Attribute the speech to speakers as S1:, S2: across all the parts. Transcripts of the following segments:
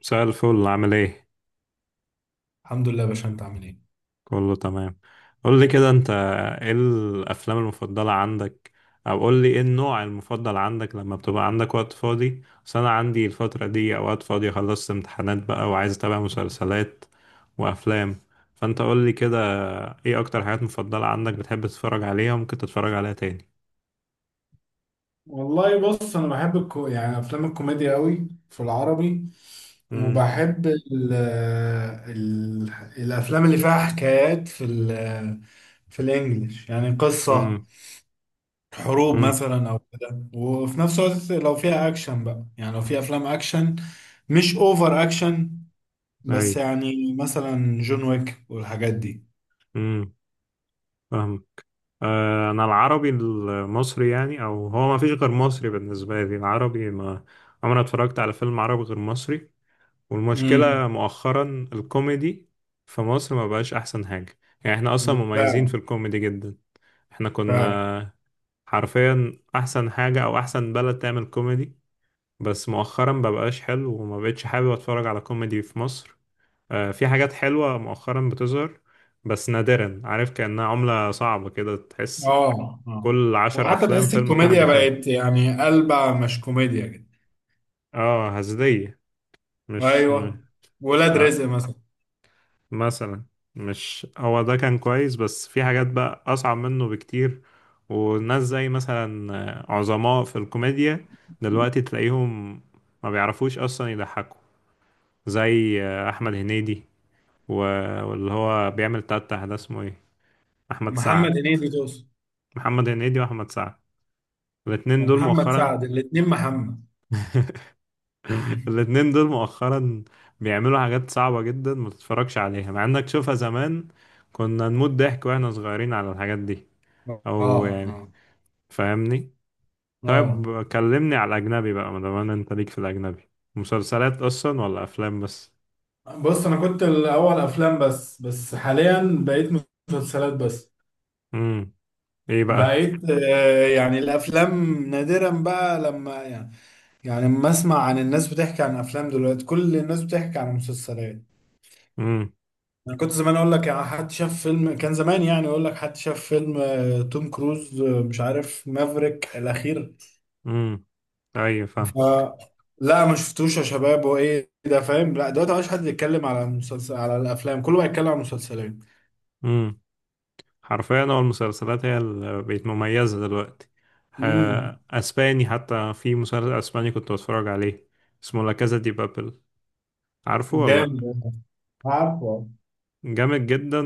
S1: مساء الفل، عامل ايه؟
S2: الحمد لله يا باشا، انت عامل ايه؟
S1: كله تمام. قول لي كده، انت ايه الافلام المفضلة عندك؟ او قول لي ايه النوع المفضل عندك لما بتبقى عندك وقت فاضي. بس انا عندي الفترة دي اوقات فاضية، خلصت امتحانات بقى وعايز اتابع مسلسلات وافلام. فانت قول لي كده، ايه اكتر حاجات مفضلة عندك بتحب تتفرج عليها وممكن تتفرج عليها تاني؟
S2: والله بص، انا بحب يعني افلام الكوميديا قوي في العربي.
S1: امم
S2: وبحب الافلام اللي فيها حكايات في الانجليش، يعني قصة
S1: امم
S2: حروب
S1: امم
S2: مثلا او كده. وفي نفس الوقت لو فيها اكشن بقى، يعني لو في افلام اكشن مش اوفر اكشن،
S1: اي.
S2: بس يعني مثلا جون ويك والحاجات دي.
S1: امم انا العربي المصري، يعني او هو ما فيش غير مصري بالنسبه لي العربي، ما عمري ما اتفرجت على فيلم عربي غير مصري.
S2: امم.
S1: والمشكله مؤخرا، الكوميدي في مصر ما بقاش احسن حاجه، يعني احنا اصلا مميزين
S2: فعلا،
S1: في الكوميدي جدا. احنا
S2: فعلا.
S1: كنا حرفيا احسن حاجه او احسن بلد تعمل كوميدي، بس مؤخرا ما بقاش حلو وما بقتش حابب اتفرج على كوميدي في مصر. في حاجات حلوه مؤخرا بتظهر بس نادرا، عارف، كأنها عملة صعبة كده تحس.
S2: اه، اه.
S1: كل عشر
S2: وحتى
S1: أفلام
S2: تحس
S1: فيلم كوميدي
S2: الكوميديا
S1: حلو.
S2: بقت يعني قلبة، مش كوميديا كده.
S1: اه، هزلية. مش م...
S2: ايوه. ولاد
S1: آه
S2: رزق مثلا.
S1: مثلا. مش هو ده كان كويس، بس في حاجات بقى أصعب منه بكتير. وناس زي مثلا، عظماء في الكوميديا، دلوقتي تلاقيهم ما بيعرفوش أصلا يضحكوا. زي أحمد هنيدي و- واللي هو بيعمل تتح ده اسمه ايه؟ أحمد سعد.
S2: محمد هنيدي توصل.
S1: محمد هنيدي وأحمد سعد، الاتنين دول
S2: ومحمد
S1: مؤخرا.
S2: سعد، الاتنين محمد.
S1: الاتنين دول مؤخرا بيعملوا حاجات صعبة جدا، ما تتفرجش عليها، مع انك تشوفها زمان كنا نموت ضحك واحنا صغيرين على الحاجات دي.
S2: اه،
S1: او يعني،
S2: اه،
S1: فاهمني؟
S2: اه.
S1: طيب كلمني على الاجنبي بقى، ما دام انت ليك في الاجنبي مسلسلات اصلا ولا افلام بس؟
S2: بص، انا كنت الاول افلام بس، بس حاليا بقيت مسلسلات بس.
S1: امم. ايه بقى؟
S2: بقيت يعني الافلام نادرا بقى لما يعني. يعني لما اسمع عن الناس بتحكي عن افلام، دلوقتي كل الناس بتحكي عن مسلسلات.
S1: امم
S2: انا كنت زمان اقول لك يعني حد شاف فيلم، كان زمان يعني اقول لك حد شاف فيلم توم كروز، مش عارف مافريك الاخير.
S1: امم. ايوه، فاهم.
S2: ف لا، ما شفتوش يا شباب هو ايه ده فاهم، لا دلوقتي مبقاش حد يتكلم على المسلسل، على الافلام كله بقى يتكلم على المسلسلات.
S1: امم. حرفيا هو المسلسلات هي اللي بقت مميزة دلوقتي.
S2: امم.
S1: ها، اسباني، حتى في مسلسل اسباني كنت بتفرج عليه، اسمه لا كازا دي بابل، عارفه ولا؟
S2: جامد. عارفه.
S1: جامد جدا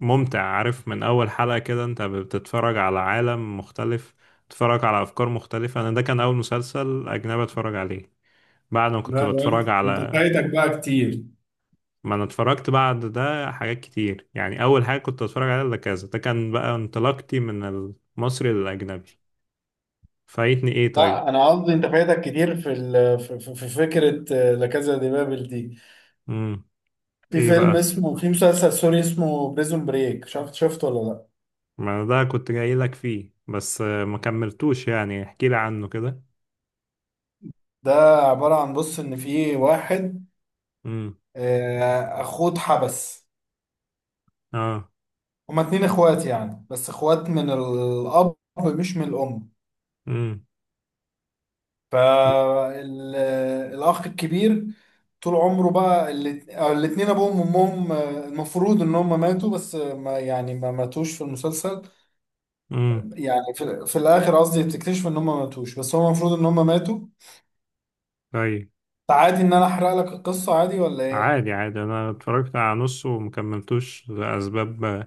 S1: وممتع، عارف، من أول حلقة كده أنت بتتفرج على عالم مختلف، بتتفرج على أفكار مختلفة. أنا ده كان أول مسلسل أجنبي أتفرج عليه، بعد ما كنت
S2: لا، يعني
S1: بتفرج
S2: انت
S1: على،
S2: فايتك بقى كتير.
S1: ما أنا اتفرجت بعد ده حاجات كتير، يعني أول حاجة كنت أتفرج عليها ده، كذا، ده كان بقى انطلاقتي من المصري للأجنبي. فايتني إيه طيب؟
S2: لا، انا قصدي انت فايتك كتير في ال... في في- في فكره لا كازا دي بابل دي.
S1: مم. إيه بقى؟
S2: في مسلسل سوري اسمه بريزون بريك، شفته ولا لا؟
S1: ما ده كنت جاي لك فيه. بس ما كملتوش، يعني احكي لي عنه كده.
S2: ده عبارة عن، بص إن في واحد،
S1: امم.
S2: أخوه اتحبس.
S1: اه.
S2: هما اتنين إخوات يعني، بس إخوات من الأب مش من الأم. فالأخ الكبير طول عمره بقى، أو الاتنين أبوهم وأمهم المفروض إن هما ماتوا، بس ما يعني ما ماتوش في المسلسل.
S1: امم.
S2: يعني في الآخر قصدي بتكتشف إن هما ماتوش، بس هو المفروض إن هما ماتوا.
S1: طيب.
S2: عادي إن أنا أحرق لك القصة، عادي ولا إيه؟
S1: عادي، عادي، انا اتفرجت على نصه ومكملتوش لاسباب،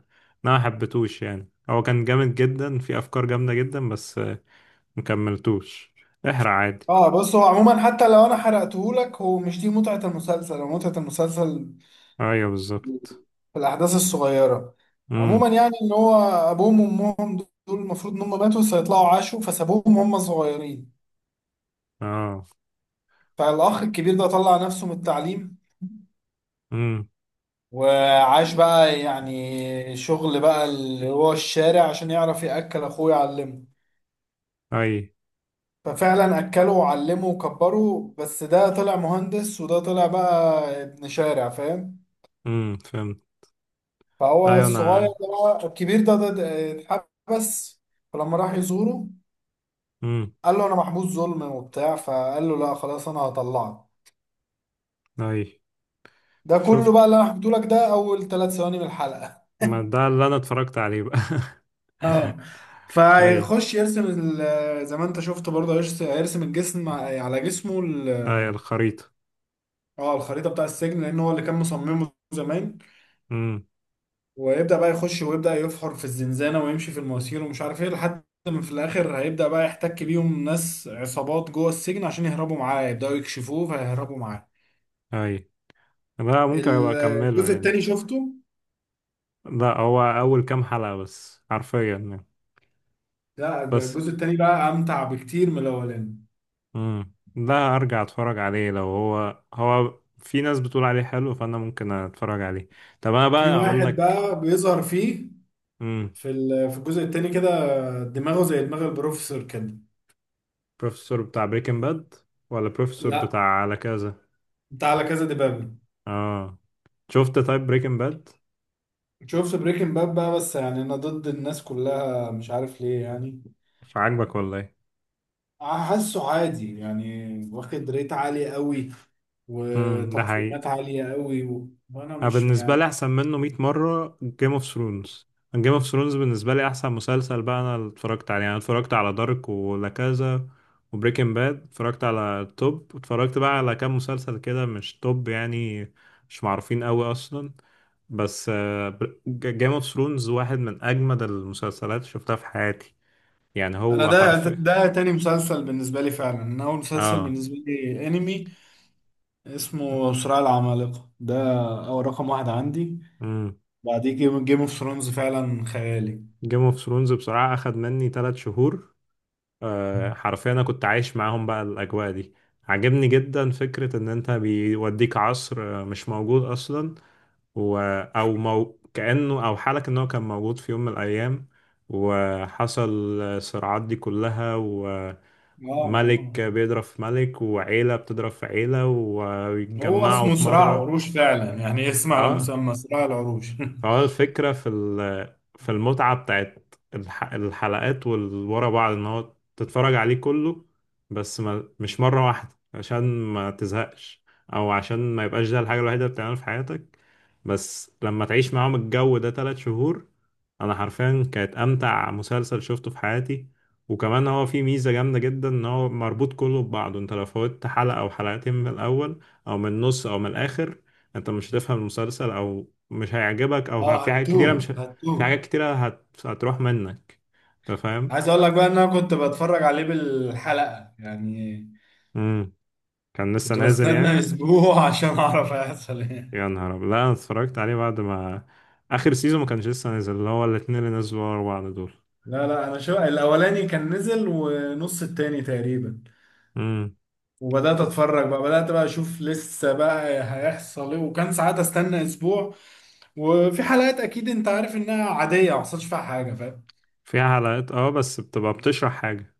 S1: إن انا محبتوش، يعني هو كان جامد جدا، في افكار جامده جدا، بس مكملتوش. احرق عادي.
S2: اه، بص هو عموما حتى لو انا حرقتهولك، هو مش دي متعة المسلسل، هو متعة المسلسل
S1: ايوه بالظبط.
S2: في الاحداث الصغيرة. عموما
S1: امم.
S2: يعني ان هو ابوهم وامهم دول المفروض ان هم ماتوا، فيطلعوا عاشوا، فسابوهم وهم صغيرين.
S1: اه.
S2: فالاخ الكبير ده طلع نفسه من التعليم،
S1: امم.
S2: وعاش بقى يعني شغل بقى اللي هو الشارع عشان يعرف يأكل اخوه، يعلمه.
S1: اي.
S2: ففعلا اكله وعلمه وكبره، بس ده طلع مهندس وده طلع بقى ابن شارع، فاهم.
S1: امم، فهمت.
S2: فهو
S1: ايوه
S2: الصغير
S1: انا.
S2: ده بقى، الكبير ده اتحبس. فلما راح يزوره،
S1: امم.
S2: قال له انا محبوس ظلم وبتاع، فقال له لا خلاص انا هطلعك.
S1: اي.
S2: ده
S1: شفت،
S2: كله بقى اللي انا حكيته لك ده اول 3 ثواني من الحلقة.
S1: ما ده اللي انا اتفرجت عليه بقى.
S2: اه.
S1: اي.
S2: فيخش يرسم زي ما انت شفت برضه، هيرسم الجسم على جسمه.
S1: اي، الخريطه.
S2: اه، الخريطة بتاع السجن، لان هو اللي كان مصممه زمان.
S1: امم.
S2: ويبدأ بقى يخش ويبدأ يفحر في الزنزانة ويمشي في المواسير ومش عارف ايه، لحد ما في الآخر هيبدأ بقى يحتك بيهم ناس عصابات جوه السجن عشان يهربوا معاه، يبدأوا يكشفوه فيهربوا معاه.
S1: اي. لا، ممكن ابقى اكمله
S2: الجزء
S1: يعني.
S2: التاني شفته؟
S1: لا، هو اول كام حلقه بس حرفيا يعني.
S2: لا،
S1: بس،
S2: الجزء التاني بقى أمتع بكتير من الأولاني.
S1: امم، ده ارجع اتفرج عليه، لو هو هو في ناس بتقول عليه حلو فانا ممكن اتفرج عليه. طب انا
S2: في
S1: بقى اقول
S2: واحد
S1: لك.
S2: بقى بيظهر فيه
S1: امم.
S2: في الجزء التاني كده، دماغه زي دماغ البروفيسور كده.
S1: بروفيسور بتاع بريكنج باد، ولا بروفيسور بتاع
S2: لا،
S1: على كذا؟
S2: انت على كذا دبابة.
S1: اه. شفت، طيب بريكنج باد؟
S2: شفت بريكنج باد بقى، بس يعني انا ضد الناس كلها مش عارف ليه يعني.
S1: عاجبك ولا ايه؟
S2: حاسه عادي يعني، واخد ريت عالي قوي
S1: امم، ده حقيقي.
S2: وتقييمات عالية قوي وانا
S1: انا
S2: مش
S1: بالنسبه
S2: يعني.
S1: لي احسن منه 100 مره، جيم اوف ثرونز. جيم اوف ثرونز بالنسبه لي احسن مسلسل بقى انا اللي اتفرجت عليه. يعني انا اتفرجت على دارك ولا كذا، وبريكنج باد، اتفرجت على توب. اتفرجت بقى على كام مسلسل كده مش توب يعني، مش معروفين قوي اصلا. بس جيم اوف ثرونز واحد من اجمد المسلسلات اللي شفتها في حياتي. يعني
S2: انا
S1: هو
S2: ده
S1: حرفيا.
S2: ده تاني مسلسل بالنسبة لي، فعلا. انا اول مسلسل
S1: اه.
S2: بالنسبة لي انمي، اسمه صراع العمالقة، ده اول رقم واحد عندي.
S1: امم.
S2: بعديه جيم اوف ثرونز، فعلا خيالي.
S1: جيم اوف ثرونز بصراحه اخد مني 3 شهور. حرفيا انا كنت عايش معاهم بقى الاجواء دي. عجبني جدا فكرة ان انت بيوديك عصر مش موجود اصلا. و... كأنه او حالك ان هو كان موجود في يوم من الايام وحصل الصراعات دي كلها، وملك
S2: اه، اه.
S1: بيضرب في ملك، وعيلة بتضرب في عيلة،
S2: هو
S1: ويتجمعوا
S2: اسمه
S1: في
S2: صراع
S1: مرة.
S2: عروش فعلا، يعني اسم على
S1: اه.
S2: مسمى صراع العروش.
S1: هو الفكرة في في المتعة بتاعت الحلقات والورا بعض، ان هو تتفرج عليه كله، بس ما مش مرة واحدة عشان ما تزهقش، او عشان ما يبقاش ده الحاجة الوحيدة اللي بتعملها في حياتك. بس لما تعيش معاهم الجو ده تلات شهور، انا حرفيا كانت امتع مسلسل شفته في حياتي. وكمان هو فيه ميزة جامدة جدا ان هو مربوط كله ببعضه. انت لو فوتت حلقة او حلقتين من الاول او من النص او من الاخر، انت مش هتفهم المسلسل، او مش هيعجبك، او
S2: اه،
S1: في حاجات
S2: هتوه
S1: كتيره مش ه-
S2: هتوه.
S1: في حاجات كتيره هتروح منك. انت فاهم؟
S2: عايز اقول لك بقى، ان انا كنت بتفرج عليه بالحلقة يعني،
S1: امم. كان لسه
S2: كنت
S1: نازل
S2: بستنى
S1: يعني.
S2: اسبوع عشان اعرف هيحصل ايه.
S1: يا نهار ابيض، لا انا اتفرجت عليه بعد ما اخر سيزون، ما كانش لسه نازل اللي هو الاتنين اللي نزلوا ورا بعض دول.
S2: لا، لا، انا شو الاولاني كان نزل ونص التاني تقريبا،
S1: امم.
S2: وبدات
S1: في
S2: اتفرج بقى، بدات بقى اشوف لسه بقى هيحصل ايه، وكان ساعات استنى اسبوع. وفي حلقات اكيد انت عارف انها عاديه، ما حصلش فيها حاجه، فاهم.
S1: فيها حلقات، اه، بس بتبقى بتشرح حاجه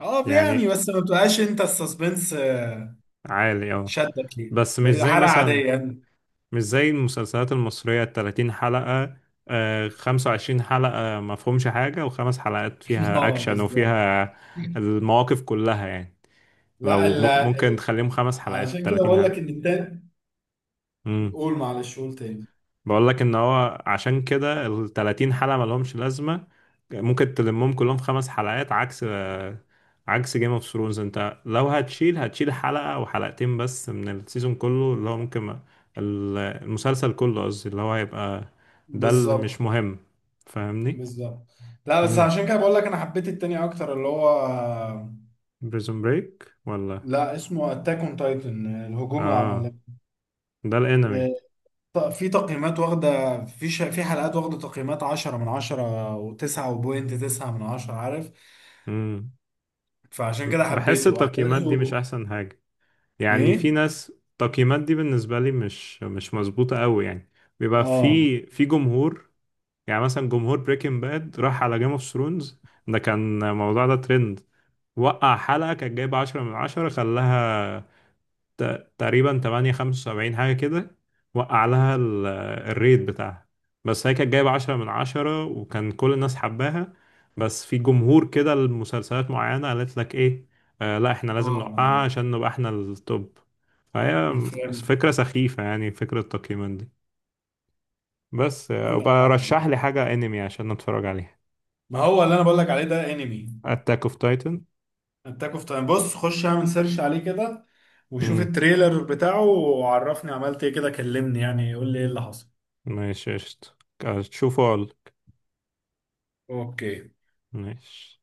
S2: اه، يعني
S1: يعني.
S2: بس ما بتبقاش انت السسبنس
S1: عالي، اه.
S2: شدك ليه
S1: بس مش
S2: بقى،
S1: زي
S2: حلقه
S1: مثلا،
S2: عاديه يعني.
S1: مش زي المسلسلات المصرية التلاتين حلقة، آه، خمسة وعشرين حلقة مفهومش حاجة وخمس حلقات فيها
S2: اه،
S1: أكشن
S2: بالظبط.
S1: وفيها المواقف كلها يعني.
S2: لا،
S1: ممكن تخليهم خمس حلقات
S2: علشان كده
S1: التلاتين
S2: بقول لك
S1: حلقة.
S2: ان التاني.
S1: مم.
S2: قول، معلش، قول تاني.
S1: بقول لك ان هو عشان كده ال 30 حلقة ما لهمش لازمة، ممكن تلمهم كلهم في خمس حلقات. عكس، عكس جيم اوف ثرونز، انت لو هتشيل، هتشيل حلقة او حلقتين بس من السيزون كله اللي هو ممكن المسلسل كله قصدي اللي هو هيبقى ده اللي
S2: بالظبط،
S1: مش مهم. فاهمني؟
S2: بالظبط. لا بس
S1: امم.
S2: عشان كده بقول لك انا حبيت التاني اكتر، اللي هو
S1: بريزون بريك ولا؟
S2: لا، اسمه اتاك اون تايتن، الهجوم
S1: اه،
S2: العملاق.
S1: ده الانمي.
S2: آه، في تقييمات واخده في حلقات واخده تقييمات 10 من 10 و9.9 من 10، عارف.
S1: امم.
S2: فعشان كده
S1: بحس
S2: حبيته
S1: التقييمات دي مش
S2: احداثه.
S1: احسن يعني. في
S2: ايه.
S1: ناس التقييمات دي بالنسبة لي مش مظبوطة قوي يعني. بيبقى
S2: اه،
S1: في جمهور. يعني مثلا جمهور بريكنج باد راح على جيم اوف ثرونز، ده كان الموضوع ده ترند، وقع حلقة كانت جايبة عشرة من عشرة، خلاها تقريبا 8 75 حاجة كده، وقع لها الريت بتاعها. بس هي كانت جايبة 10 من 10 وكان كل الناس حباها. بس في جمهور كده لمسلسلات معينة قالت لك ايه، آه لا احنا لازم نوقعها
S2: اه.
S1: عشان نبقى احنا التوب. فهي،
S2: فهمت.
S1: فكرة سخيفة يعني فكرة التقييمات دي. بس
S2: عندك
S1: وبقى
S2: حق
S1: رشح
S2: والله.
S1: لي حاجة انمي عشان نتفرج عليها.
S2: ما هو اللي انا بقول لك عليه ده انمي،
S1: اتاك اوف تايتن.
S2: اتاك اوف تايم. بص خش اعمل سيرش عليه كده، وشوف
S1: امم.
S2: التريلر بتاعه وعرفني عملت ايه، كده كلمني يعني، قول لي ايه اللي حصل.
S1: ماشي، قشطة. تشوفوا.
S2: اوكي.
S1: ماشي.